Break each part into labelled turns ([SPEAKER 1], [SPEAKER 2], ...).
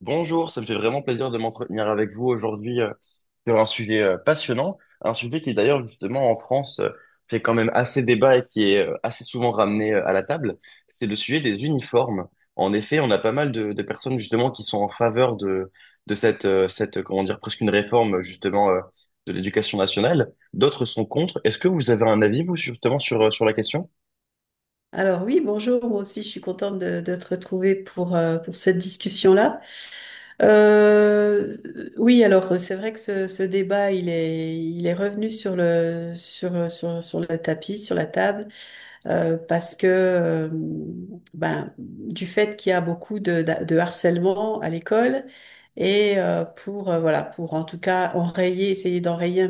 [SPEAKER 1] Bonjour, ça me fait vraiment plaisir de m'entretenir avec vous aujourd'hui sur un sujet passionnant, un sujet qui d'ailleurs justement en France fait quand même assez débat et qui est assez souvent ramené à la table, c'est le sujet des uniformes. En effet, on a pas mal de personnes justement qui sont en faveur de cette, cette, comment dire, presque une réforme justement de l'éducation nationale, d'autres sont contre. Est-ce que vous avez un avis vous justement sur, sur la question?
[SPEAKER 2] Alors oui, bonjour, moi aussi je suis contente de te retrouver pour cette discussion-là. Euh, oui, alors c'est vrai que ce débat, il est revenu sur le tapis, sur la table, parce que ben, du fait qu'il y a beaucoup de harcèlement à l'école, et voilà, pour en tout cas enrayer, essayer d'enrayer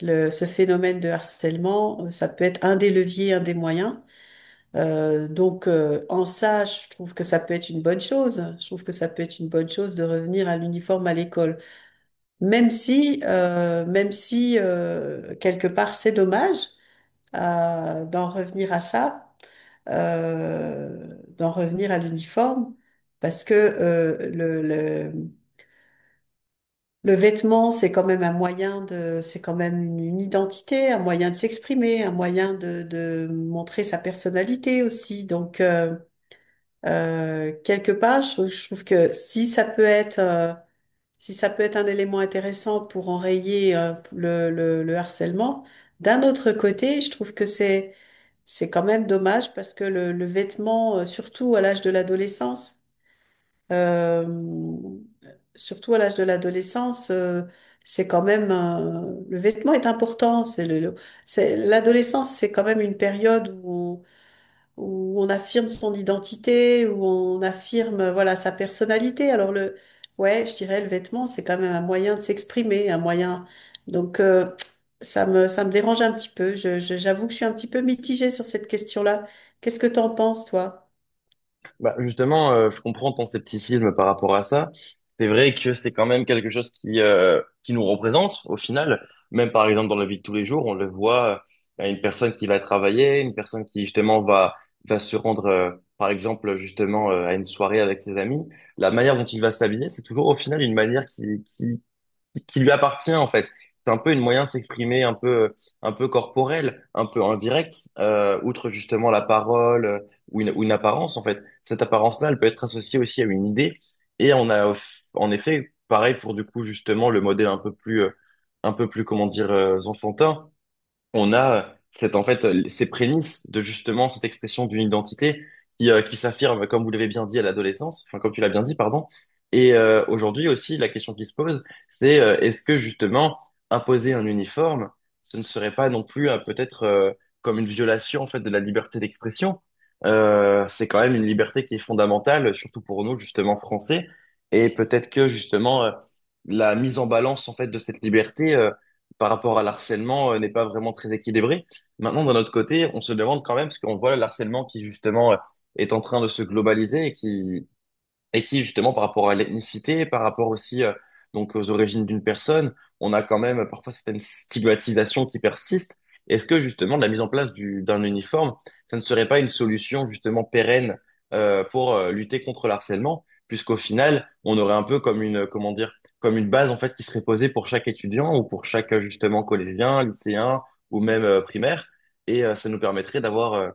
[SPEAKER 2] ce phénomène de harcèlement, ça peut être un des leviers, un des moyens. Donc, en ça, je trouve que ça peut être une bonne chose. Je trouve que ça peut être une bonne chose de revenir à l'uniforme à l'école, même si, quelque part c'est dommage euh, d'en revenir à ça, d'en revenir à l'uniforme, parce que le vêtement, c'est quand même un moyen de, c'est quand même une identité, un moyen de s'exprimer, un moyen de montrer sa personnalité aussi. Donc, quelque part, je trouve que si ça peut être, si ça peut être un élément intéressant pour enrayer, le harcèlement, d'un autre côté, je trouve que c'est quand même dommage parce que le vêtement, euh, surtout à l'âge de l'adolescence, c'est quand même, le vêtement est important. C'est le- c'est, L'adolescence, c'est quand même une période où on affirme son identité, où on affirme, voilà, sa personnalité. Alors ouais, je dirais le vêtement, c'est quand même un moyen de s'exprimer, un moyen. Donc, ça me dérange un petit peu. J'avoue que je suis un petit peu mitigée sur cette question-là. Qu'est-ce que t'en penses, toi?
[SPEAKER 1] Bah justement, je comprends ton scepticisme par rapport à ça. C'est vrai que c'est quand même quelque chose qui nous représente au final. Même par exemple dans la vie de tous les jours, on le voit une personne qui va travailler, une personne qui justement va se rendre par exemple justement à une soirée avec ses amis. La manière dont il va s'habiller, c'est toujours au final une manière qui qui lui appartient en fait. C'est un peu une moyen de s'exprimer un peu corporel, un peu indirect, outre justement la parole ou une apparence en fait. Cette apparence-là, elle peut être associée aussi à une idée. Et on a en effet, pareil pour du coup justement le modèle un peu plus comment dire enfantin. On a cette, en fait, ces prémices de justement cette expression d'une identité qui s'affirme, comme vous l'avez bien dit, à l'adolescence, enfin, comme tu l'as bien dit, pardon. Et aujourd'hui aussi, la question qui se pose, c'est est-ce que justement imposer un uniforme, ce ne serait pas non plus peut-être comme une violation en fait de la liberté d'expression? C'est quand même une liberté qui est fondamentale, surtout pour nous justement français. Et peut-être que justement la mise en balance en fait de cette liberté, par rapport à l'harcèlement n'est pas vraiment très équilibré. Maintenant, d'un autre côté, on se demande quand même, parce qu'on voit l'harcèlement qui justement est en train de se globaliser et qui, justement, par rapport à l'ethnicité, par rapport aussi donc aux origines d'une personne, on a quand même parfois certaines stigmatisations qui persistent. Est-ce que, justement, la mise en place d'un uniforme, ça ne serait pas une solution, justement, pérenne pour lutter contre le harcèlement, puisqu'au final, on aurait un peu comme une, comment dire, comme une base, en fait, qui serait posée pour chaque étudiant ou pour chaque, justement, collégien, lycéen ou même primaire, et ça nous permettrait d'avoir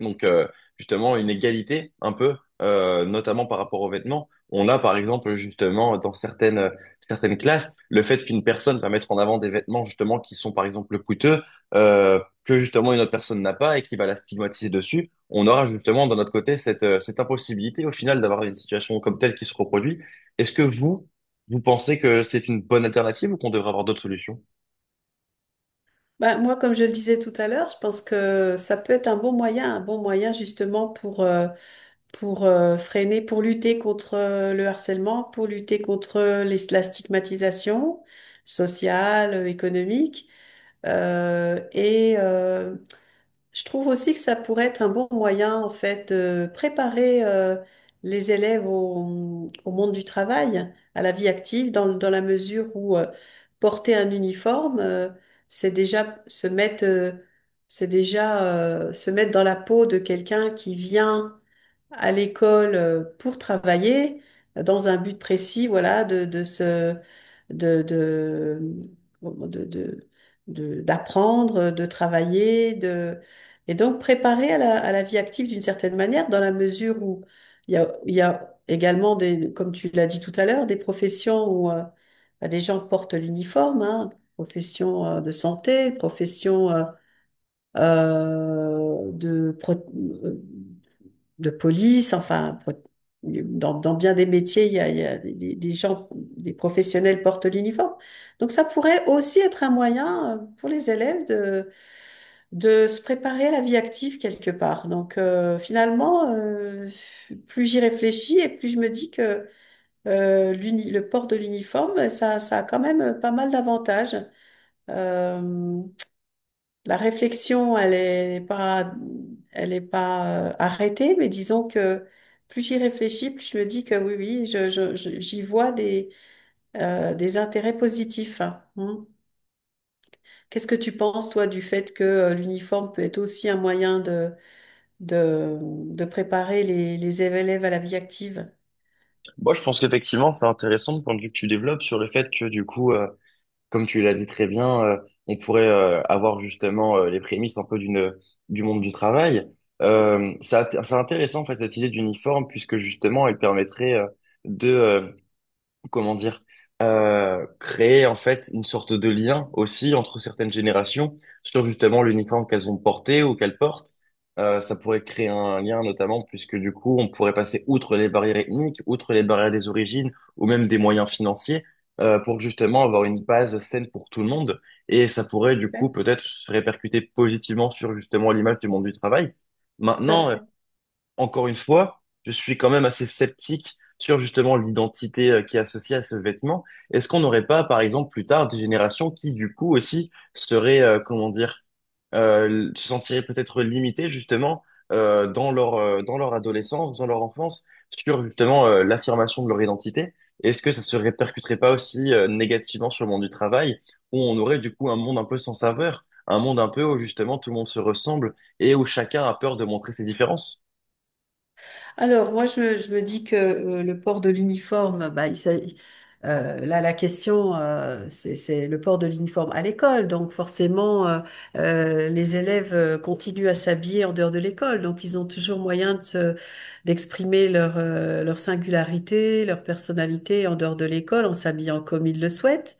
[SPEAKER 1] donc, justement, une égalité un peu, notamment par rapport aux vêtements. On a, par exemple, justement, certaines classes, le fait qu'une personne va mettre en avant des vêtements, justement, qui sont, par exemple, coûteux, que, justement, une autre personne n'a pas et qui va la stigmatiser dessus. On aura, justement, de notre côté, cette, cette impossibilité, au final, d'avoir une situation comme telle qui se reproduit. Est-ce que vous, Vous pensez que c'est une bonne alternative ou qu'on devrait avoir d'autres solutions?
[SPEAKER 2] Bah, moi, comme je le disais tout à l'heure, je pense que ça peut être un bon moyen justement pour freiner, pour lutter contre le harcèlement, pour lutter contre la stigmatisation sociale, économique. Et je trouve aussi que ça pourrait être un bon moyen, en fait, de préparer les élèves au monde du travail, à la vie active, dans la mesure où porter un uniforme, c'est déjà se mettre. C'est déjà se mettre dans la peau de quelqu'un qui vient à l'école pour travailler dans un but précis, voilà, de se, de, de, de, de- de- d'apprendre, de travailler, et donc préparer à la vie active d'une certaine manière, dans la mesure où il y a également des, comme tu l'as dit tout à l'heure, des professions où bah, des gens portent l'uniforme, hein, profession de santé, profession euh, de, pro- euh, de police, enfin, dans bien des métiers, il y a des gens, des professionnels portent l'uniforme. Donc, ça pourrait aussi être un moyen pour les élèves de, se préparer à la vie active quelque part. Donc, finalement, plus j'y réfléchis et plus je me dis que le port de l'uniforme, ça a quand même pas mal d'avantages. Euh, la réflexion, elle est pas arrêtée, mais disons que plus j'y réfléchis, plus je me dis que oui, oui, j'y vois des intérêts positifs. Hein. Hmm. Qu'est-ce que tu penses, toi, du fait que l'uniforme peut être aussi un moyen de préparer les élèves à la vie active?
[SPEAKER 1] Moi, je pense qu'effectivement, c'est intéressant le point de vue que tu développes sur le fait que, du coup, comme tu l'as dit très bien, on pourrait avoir justement les prémices un peu d'une du monde du travail. Euh, c'est c'est intéressant en fait cette idée d'uniforme puisque justement elle permettrait de comment dire, créer en fait une sorte de lien aussi entre certaines générations sur justement l'uniforme qu'elles ont porté ou qu'elles portent. Ça pourrait créer un lien notamment puisque du coup on pourrait passer outre les barrières ethniques, outre les barrières des origines ou même des moyens financiers pour justement avoir une base saine pour tout le monde. Et ça pourrait du coup peut-être se répercuter positivement sur justement l'image du monde du travail. Maintenant,
[SPEAKER 2] Ouais.
[SPEAKER 1] encore une fois, je suis quand même assez sceptique sur justement l'identité qui est associée à ce vêtement. Est-ce qu'on n'aurait pas, par exemple, plus tard des générations qui, du coup, aussi seraient, comment dire, se sentiraient peut-être limitées justement dans leur adolescence, dans leur enfance, sur justement l'affirmation de leur identité? Est-ce que ça se répercuterait pas aussi négativement sur le monde du travail, où on aurait du coup un monde un peu sans saveur, un monde un peu où justement tout le monde se ressemble et où chacun a peur de montrer ses différences?
[SPEAKER 2] Alors, moi, je me dis que le port de l'uniforme, bah, là, la question, c'est le port de l'uniforme à l'école. Donc, forcément, les élèves continuent à s'habiller en dehors de l'école. Donc, ils ont toujours moyen d'exprimer leur singularité, leur personnalité en dehors de l'école en s'habillant comme ils le souhaitent.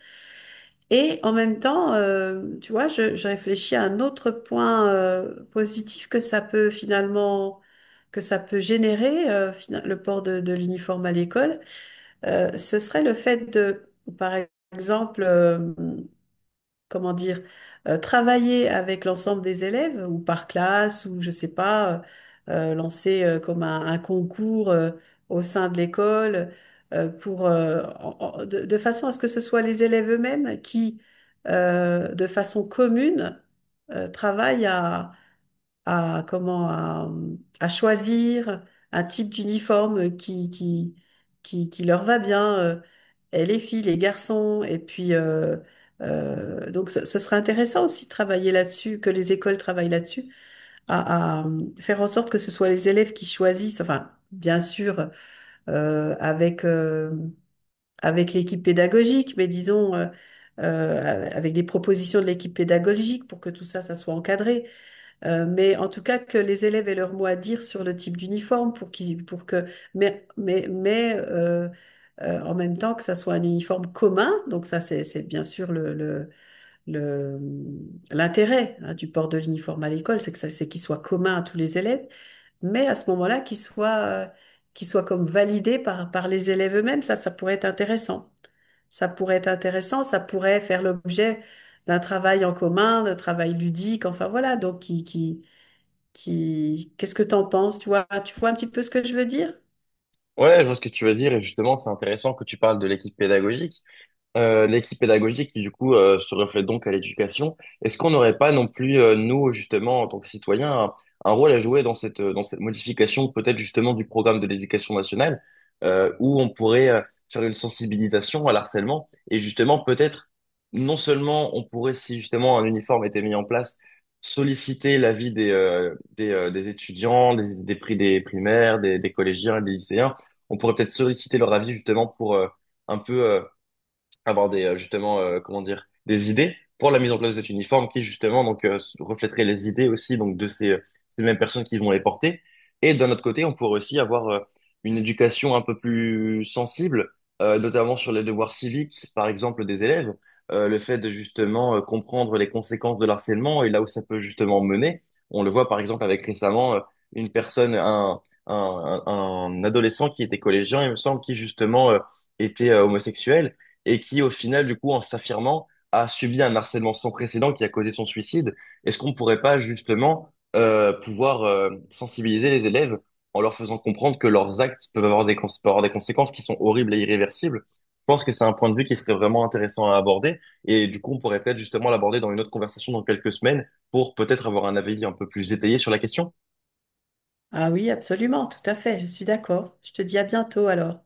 [SPEAKER 2] Et en même temps, tu vois, je réfléchis à un autre point positif que que ça peut générer le port de l'uniforme à l'école. Ce serait le fait de, par exemple, comment dire, travailler avec l'ensemble des élèves ou par classe ou je sais pas, lancer comme un concours au sein de l'école pour de façon à ce que ce soit les élèves eux-mêmes qui, de façon commune, travaillent à comment à, à choisir un type d'uniforme qui leur va bien, et les filles, les garçons, et puis donc ce serait intéressant aussi de travailler là-dessus, que les écoles travaillent là-dessus, faire en sorte que ce soit les élèves qui choisissent, enfin bien sûr euh, avec euh, avec l'équipe pédagogique, mais disons avec des propositions de l'équipe pédagogique pour que tout ça, ça soit encadré. Mais en tout cas que les élèves aient leur mot à dire sur le type d'uniforme pour qu'ils, pour que, mais, mais, mais euh, en même temps que ça soit un uniforme commun, donc ça c'est bien sûr le- l'intérêt hein, du port de l'uniforme à l'école, c'est qu'il soit commun à tous les élèves, mais à ce moment-là qu'il soit comme validé par les élèves eux-mêmes, ça pourrait être intéressant. Ça pourrait être intéressant, ça pourrait faire l'objet d'un travail en commun, d'un travail ludique, enfin voilà, Qu'est-ce que t'en penses? Tu vois un petit peu ce que je veux dire?
[SPEAKER 1] Ouais, je vois ce que tu veux dire et justement, c'est intéressant que tu parles de l'équipe pédagogique qui du coup se reflète donc à l'éducation. Est-ce qu'on n'aurait pas non plus nous justement en tant que un rôle à jouer dans cette modification peut-être justement du programme de l'éducation nationale où on pourrait faire une sensibilisation à l'harcèlement et justement peut-être non seulement on pourrait si justement un uniforme était mis en place solliciter l'avis des étudiants des prix des primaires des collégiens et des lycéens. On pourrait peut-être solliciter leur avis justement pour un peu avoir des, justement, comment dire, des idées pour la mise en place de cet uniforme qui, justement, donc, reflèterait les idées aussi, donc, de ces, ces mêmes personnes qui vont les porter. Et d'un autre côté, on pourrait aussi avoir une éducation un peu plus sensible, notamment sur les devoirs civiques, par exemple, des élèves, le fait de, justement, comprendre les conséquences de l'harcèlement et là où ça peut, justement, mener. On le voit, par exemple, avec récemment, une personne, un adolescent qui était collégien, il me semble, qui, justement, était homosexuel et qui, au final, du coup, en s'affirmant, a subi un harcèlement sans précédent qui a causé son suicide. Est-ce qu'on pourrait pas justement pouvoir sensibiliser les élèves en leur faisant comprendre que leurs actes peuvent avoir peuvent avoir des conséquences qui sont horribles et irréversibles? Je pense que c'est un point de vue qui serait vraiment intéressant à aborder et du coup, on pourrait peut-être justement l'aborder dans une autre conversation dans quelques semaines pour peut-être avoir un avis un peu plus détaillé sur la question.
[SPEAKER 2] Ah oui, absolument, tout à fait, je suis d'accord. Je te dis à bientôt alors.